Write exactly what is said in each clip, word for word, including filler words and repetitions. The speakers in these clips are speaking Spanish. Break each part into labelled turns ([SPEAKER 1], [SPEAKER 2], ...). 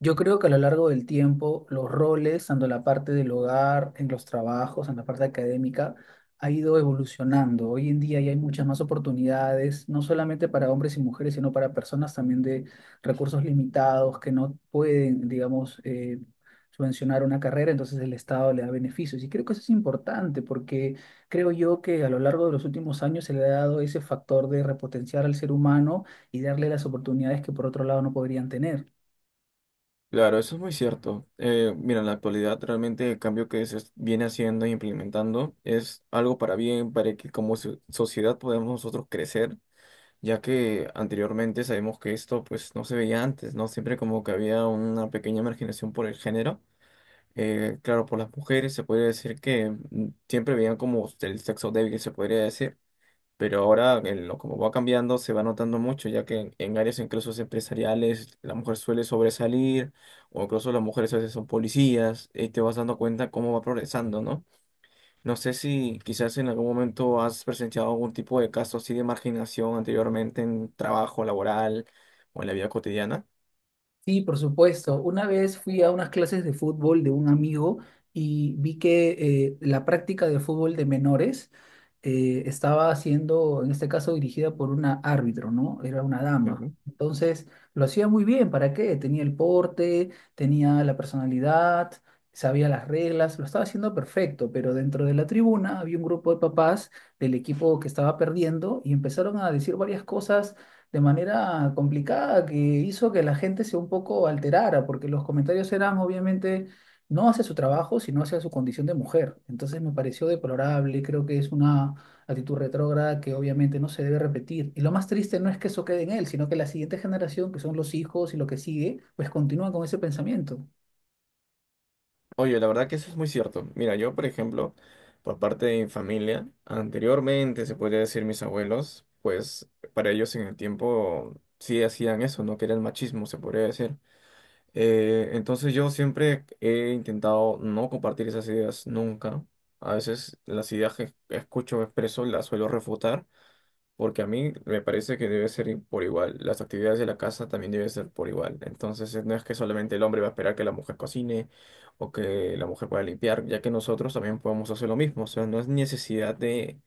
[SPEAKER 1] Yo creo que a lo largo del tiempo los roles, tanto en la parte del hogar, en los trabajos, en la parte académica, ha ido evolucionando. Hoy en día ya hay muchas más oportunidades, no solamente para hombres y mujeres, sino para personas también de recursos limitados que no pueden, digamos, eh, subvencionar una carrera. Entonces el Estado le da beneficios. Y creo que eso es importante porque creo yo que a lo largo de los últimos años se le ha dado ese factor de repotenciar al ser humano y darle las oportunidades que por otro lado no podrían tener.
[SPEAKER 2] Claro, eso es muy cierto. Eh, mira, en la actualidad realmente el cambio que se es- viene haciendo e implementando es algo para bien, para que como so- sociedad podamos nosotros crecer, ya que anteriormente sabemos que esto pues no se veía antes, ¿no? Siempre como que había una pequeña marginación por el género. Eh, claro, por las mujeres se podría decir que mm, siempre veían como el sexo débil, se podría decir. Pero ahora, en lo, como va cambiando, se va notando mucho, ya que en, en áreas incluso empresariales la mujer suele sobresalir, o incluso las mujeres a veces son policías, y te vas dando cuenta cómo va progresando, ¿no? No sé si quizás en algún momento has presenciado algún tipo de caso así de marginación anteriormente en trabajo laboral o en la vida cotidiana.
[SPEAKER 1] Sí, por supuesto. Una vez fui a unas clases de fútbol de un amigo y vi que eh, la práctica de fútbol de menores eh, estaba siendo, en este caso, dirigida por una árbitro, ¿no? Era una dama. Entonces, lo hacía muy bien. ¿Para qué? Tenía el porte, tenía la personalidad, sabía las reglas, lo estaba haciendo perfecto, pero dentro de la tribuna había un grupo de papás del equipo que estaba perdiendo y empezaron a decir varias cosas de manera complicada que hizo que la gente se un poco alterara, porque los comentarios eran obviamente no hacia su trabajo, sino hacia su condición de mujer. Entonces me pareció deplorable, creo que es una actitud retrógrada que obviamente no se debe repetir. Y lo más triste no es que eso quede en él, sino que la siguiente generación, que son los hijos y lo que sigue, pues continúan con ese pensamiento.
[SPEAKER 2] Oye, la verdad que eso es muy cierto. Mira, yo, por ejemplo, por parte de mi familia, anteriormente, se podría decir mis abuelos, pues para ellos en el tiempo sí hacían eso, ¿no? Que era el machismo, se podría decir. Eh, entonces yo siempre he intentado no compartir esas ideas nunca. A veces las ideas que escucho o expreso las suelo refutar. Porque a mí me parece que debe ser i- por igual. Las actividades de la casa también deben ser por igual. Entonces, eh, no es que solamente el hombre va a esperar que la mujer cocine o que la mujer pueda limpiar, ya que nosotros también podemos hacer lo mismo. O sea, no es necesidad de,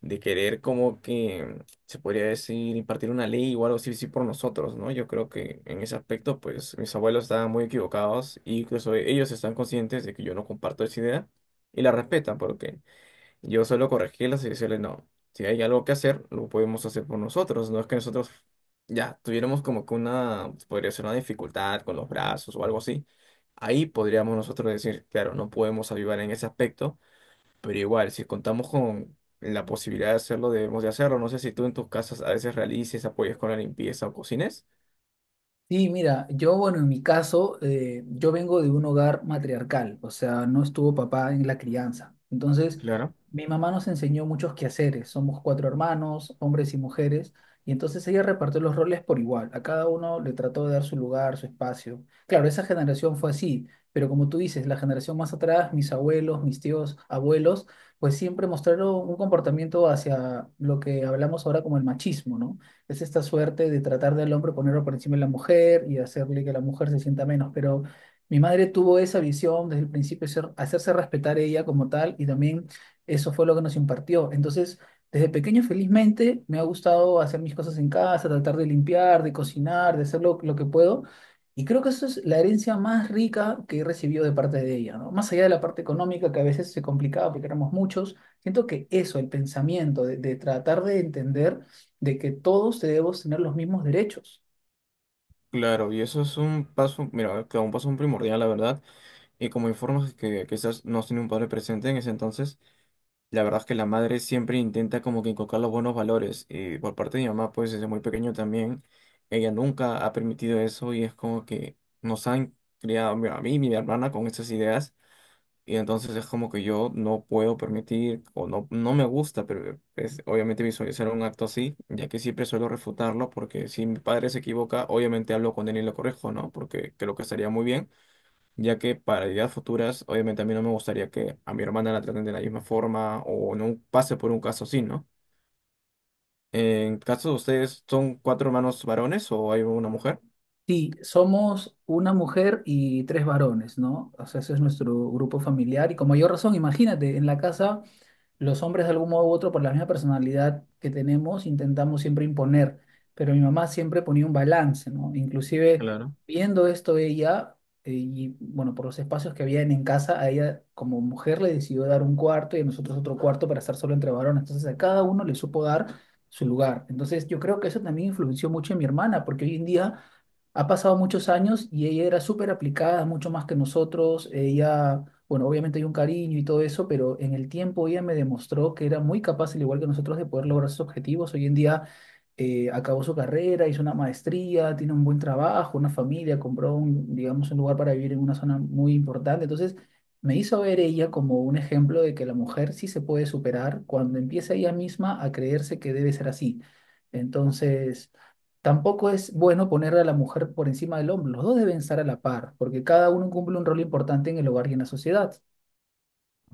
[SPEAKER 2] de querer como que se podría decir impartir una ley o algo así, sí por nosotros, ¿no? Yo creo que en ese aspecto, pues mis abuelos estaban muy equivocados y incluso ellos están conscientes de que yo no comparto esa idea y la respetan porque yo solo corregí las y decirle, no, si hay algo que hacer, lo podemos hacer por nosotros. No es que nosotros ya tuviéramos como que una, podría ser una dificultad con los brazos o algo así. Ahí podríamos nosotros decir, claro, no podemos ayudar en ese aspecto, pero igual, si contamos con la posibilidad de hacerlo, debemos de hacerlo. No sé si tú en tus casas a veces realices, apoyes con la limpieza o cocines.
[SPEAKER 1] Sí, mira, yo, bueno, en mi caso, eh, yo vengo de un hogar matriarcal, o sea, no estuvo papá en la crianza. Entonces,
[SPEAKER 2] Claro.
[SPEAKER 1] mi mamá nos enseñó muchos quehaceres. Somos cuatro hermanos, hombres y mujeres, y entonces ella repartió los roles por igual. A cada uno le trató de dar su lugar, su espacio. Claro, esa generación fue así, pero como tú dices, la generación más atrás, mis abuelos, mis tíos, abuelos, pues siempre mostraron un comportamiento hacia lo que hablamos ahora como el machismo, ¿no? Es esta suerte de tratar del hombre ponerlo por encima de la mujer y hacerle que la mujer se sienta menos. Pero mi madre tuvo esa visión desde el principio, ser- hacerse respetar ella como tal, y también eso fue lo que nos impartió. Entonces, desde pequeño, felizmente, me ha gustado hacer mis cosas en casa, tratar de limpiar, de cocinar, de hacer lo, lo que puedo. Y creo que eso es la herencia más rica que he recibido de parte de ella, ¿no? Más allá de la parte económica, que a veces se complicaba porque éramos muchos, siento que eso, el pensamiento de, de tratar de entender de que todos debemos tener los mismos derechos.
[SPEAKER 2] Claro, y eso es un paso, mira, que un paso primordial, la verdad. Y como informas que quizás no has tenido un padre presente en ese entonces. La verdad es que la madre siempre intenta como que inculcar los buenos valores. Y por parte de mi mamá, pues desde muy pequeño también, ella nunca ha permitido eso y es como que nos han criado mi- a mí y mi hermana con esas ideas. Y entonces es como que yo no puedo permitir o no, no me gusta, pero es obviamente visualizar un acto así, ya que siempre suelo refutarlo porque si mi padre se equivoca, obviamente hablo con él y lo corrijo, ¿no? Porque creo que estaría muy bien ya que para ideas futuras, obviamente a mí no me gustaría que a mi hermana la traten de la misma forma o no pase por un caso así, ¿no? En caso de ustedes, ¿son cuatro hermanos varones o hay una mujer?
[SPEAKER 1] Si somos una mujer y tres varones, ¿no? O sea, ese es nuestro grupo familiar. Y como mayor razón, imagínate, en la casa los hombres de algún modo u otro, por la misma personalidad que tenemos, intentamos siempre imponer, pero mi mamá siempre ponía un balance, ¿no? Inclusive
[SPEAKER 2] Claro.
[SPEAKER 1] viendo esto ella, eh, y bueno, por los espacios que habían en casa, a ella como mujer le decidió dar un cuarto y a nosotros otro cuarto para estar solo entre varones, entonces a cada uno le supo dar su lugar. Entonces yo creo que eso también influenció mucho en mi hermana, porque hoy en día ha pasado muchos años y ella era súper aplicada, mucho más que nosotros. Ella, bueno, obviamente hay un cariño y todo eso, pero en el tiempo ella me demostró que era muy capaz, al igual que nosotros, de poder lograr sus objetivos. Hoy en día eh, acabó su carrera, hizo una maestría, tiene un buen trabajo, una familia, compró un, digamos, un lugar para vivir en una zona muy importante. Entonces, me hizo ver ella como un ejemplo de que la mujer sí se puede superar cuando empieza ella misma a creerse que debe ser así. Entonces, tampoco es bueno poner a la mujer por encima del hombre. Los dos deben estar a la par, porque cada uno cumple un rol importante en el hogar y en la sociedad.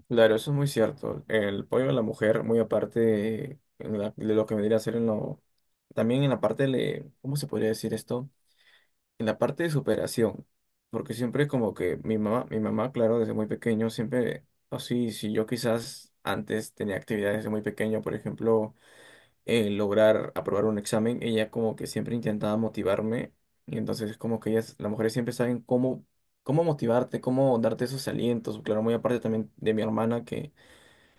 [SPEAKER 2] Claro, eso es muy cierto. El pollo de la mujer, muy aparte de, la- de lo que vendría a ser en lo… También en la parte de… ¿Cómo se podría decir esto? En la parte de superación. Porque siempre como que mi mamá, mi mamá, claro, desde muy pequeño, siempre… Así, si yo quizás antes tenía actividades desde muy pequeño, por ejemplo… eh, lograr aprobar un examen, ella como que siempre intentaba motivarme y entonces como que ellas, las mujeres siempre saben cómo, cómo motivarte, cómo darte esos alientos. Claro, muy aparte también de mi hermana que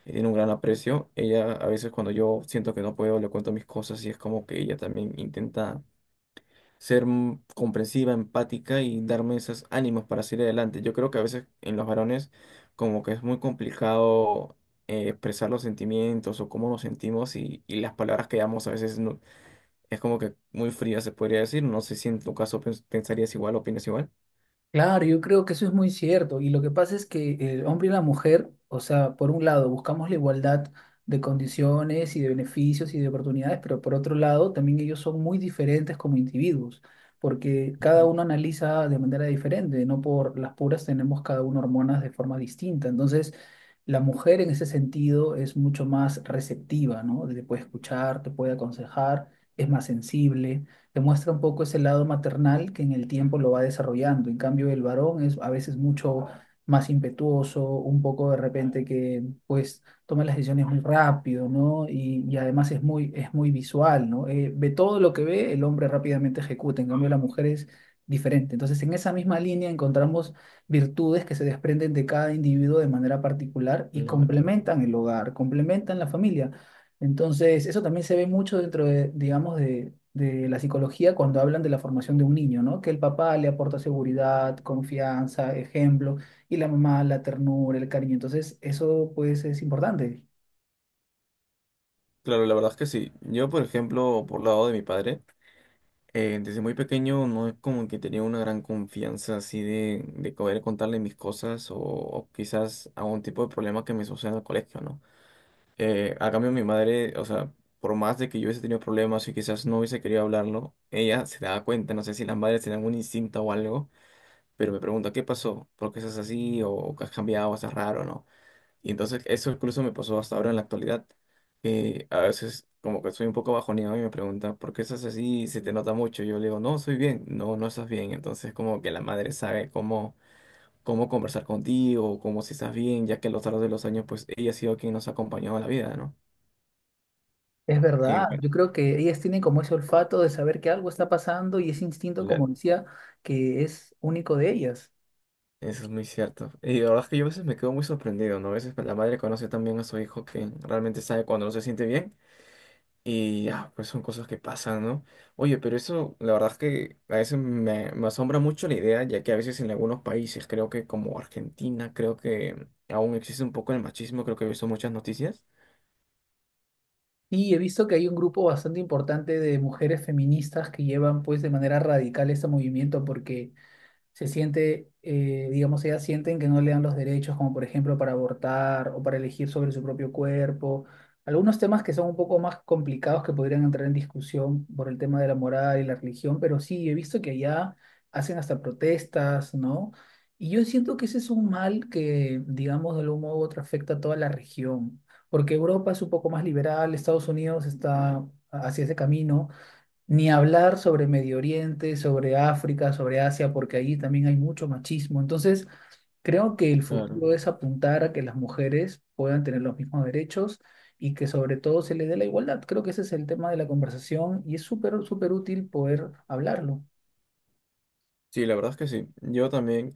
[SPEAKER 2] tiene un gran aprecio, ella a veces cuando yo siento que no puedo le cuento mis cosas y es como que ella también intenta ser mm, comprensiva, empática y darme esos ánimos para seguir adelante. Yo creo que a veces en los varones como que es muy complicado eh, expresar los sentimientos o cómo nos sentimos y, y las palabras que damos a veces no, es como que muy fría, se podría decir. No sé si en tu caso pens- pensarías igual, opinas igual.
[SPEAKER 1] Claro, yo creo que eso es muy cierto. Y lo que pasa es que el hombre y la mujer, o sea, por un lado buscamos la igualdad de condiciones y de beneficios y de oportunidades, pero por otro lado también ellos son muy diferentes como individuos, porque cada
[SPEAKER 2] Ujú,
[SPEAKER 1] uno analiza de manera diferente, no por las puras tenemos cada uno hormonas de forma distinta. Entonces, la mujer en ese sentido es mucho más receptiva, ¿no? Te puede escuchar, te puede aconsejar, es más sensible, demuestra un poco ese lado maternal que en el tiempo lo va desarrollando. En cambio, el varón es a veces mucho más impetuoso, un poco de repente que pues toma las decisiones muy rápido, ¿no? Y, y además es muy, es muy visual, ¿no? Eh, ve todo lo que ve, el hombre rápidamente ejecuta, en cambio la mujer es diferente. Entonces, en esa misma línea encontramos virtudes que se desprenden de cada individuo de manera particular y
[SPEAKER 2] claro.
[SPEAKER 1] complementan el hogar, complementan la familia. Entonces, eso también se ve mucho dentro de, digamos, de, de la psicología cuando hablan de la formación de un niño, ¿no? Que el papá le aporta seguridad, confianza, ejemplo, y la mamá la ternura, el cariño. Entonces, eso pues es importante.
[SPEAKER 2] Claro, la verdad es que sí. Yo, por ejemplo, por lado de mi padre, eh, desde muy pequeño no es como que tenía una gran confianza así de, de poder contarle mis cosas o, o quizás algún tipo de problema que me suceda en el colegio, ¿no? Eh, a cambio, mi madre, o sea, por más de que yo hubiese tenido problemas y quizás no hubiese querido hablarlo, ella se daba cuenta, no sé si las madres tenían un instinto o algo, pero me pregunta, ¿qué pasó? ¿Por qué estás así? ¿O has cambiado? ¿Estás raro? ¿No? Y entonces eso incluso me pasó hasta ahora en la actualidad, que a veces como que soy un poco bajoneado y me pregunta, ¿por qué estás así? ¿Se te nota mucho? Yo le digo, no, estoy bien, no, no estás bien. Entonces como que la madre sabe cómo, cómo conversar contigo, cómo si estás bien, ya que a lo largo de los años pues ella ha sido quien nos ha acompañado a la vida, ¿no?
[SPEAKER 1] Es
[SPEAKER 2] Y
[SPEAKER 1] verdad,
[SPEAKER 2] bueno,
[SPEAKER 1] yo creo que ellas tienen como ese olfato de saber que algo está pasando y ese instinto, como
[SPEAKER 2] claro,
[SPEAKER 1] decía, que es único de ellas.
[SPEAKER 2] eso es muy cierto. Y la verdad es que yo a veces me quedo muy sorprendido, ¿no? A veces la madre conoce también a su hijo que realmente sabe cuando no se siente bien. Y ah, pues son cosas que pasan, ¿no? Oye, pero eso, la verdad es que a veces me, me asombra mucho la idea, ya que a veces en algunos países, creo que como Argentina, creo que aún existe un poco el machismo, creo que he visto muchas noticias.
[SPEAKER 1] Y he visto que hay un grupo bastante importante de mujeres feministas que llevan pues de manera radical este movimiento porque se siente, eh, digamos, ellas sienten que no le dan los derechos, como por ejemplo para abortar o para elegir sobre su propio cuerpo. Algunos temas que son un poco más complicados que podrían entrar en discusión por el tema de la moral y la religión, pero sí, he visto que allá hacen hasta protestas, ¿no? Y yo siento que ese es un mal que, digamos, de algún modo u otro afecta a toda la región, porque Europa es un poco más liberal, Estados Unidos está hacia ese camino, ni hablar sobre Medio Oriente, sobre África, sobre Asia, porque allí también hay mucho machismo. Entonces, creo que el
[SPEAKER 2] Claro.
[SPEAKER 1] futuro es apuntar a que las mujeres puedan tener los mismos derechos y que sobre todo se les dé la igualdad. Creo que ese es el tema de la conversación y es súper, súper útil poder hablarlo.
[SPEAKER 2] Sí, la verdad es que sí. Yo también,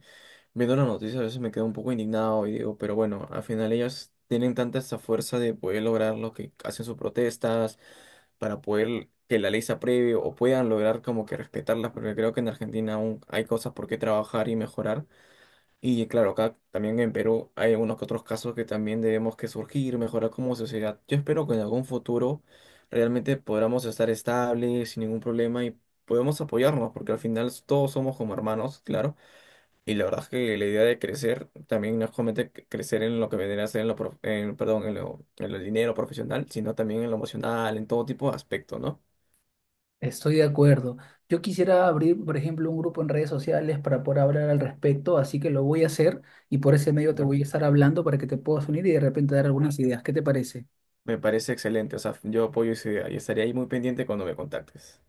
[SPEAKER 2] viendo las noticias, a veces me quedo un poco indignado y digo, pero bueno, al final ellas tienen tanta esa fuerza de poder lograr lo que hacen sus protestas, para poder que la ley se apruebe o puedan lograr como que respetarlas, porque creo que en Argentina aún hay cosas por qué trabajar y mejorar. Y claro, acá también en Perú hay algunos que otros casos que también debemos que surgir, mejorar como sociedad. Yo espero que en algún futuro realmente podamos estar estables, sin ningún problema y podemos apoyarnos, porque al final todos somos como hermanos, claro. Y la verdad es que la idea de crecer también no es solamente cre- crecer en lo que vendría a ser en lo, prof- en- perdón, en lo, en lo dinero profesional, sino también en lo emocional, en todo tipo de aspecto, ¿no?
[SPEAKER 1] Estoy de acuerdo. Yo quisiera abrir, por ejemplo, un grupo en redes sociales para poder hablar al respecto, así que lo voy a hacer y por ese medio te
[SPEAKER 2] Bueno,
[SPEAKER 1] voy a estar hablando para que te puedas unir y de repente dar algunas ideas. ¿Qué te parece?
[SPEAKER 2] me parece excelente, o sea, yo apoyo esa idea y estaré ahí muy pendiente cuando me contactes.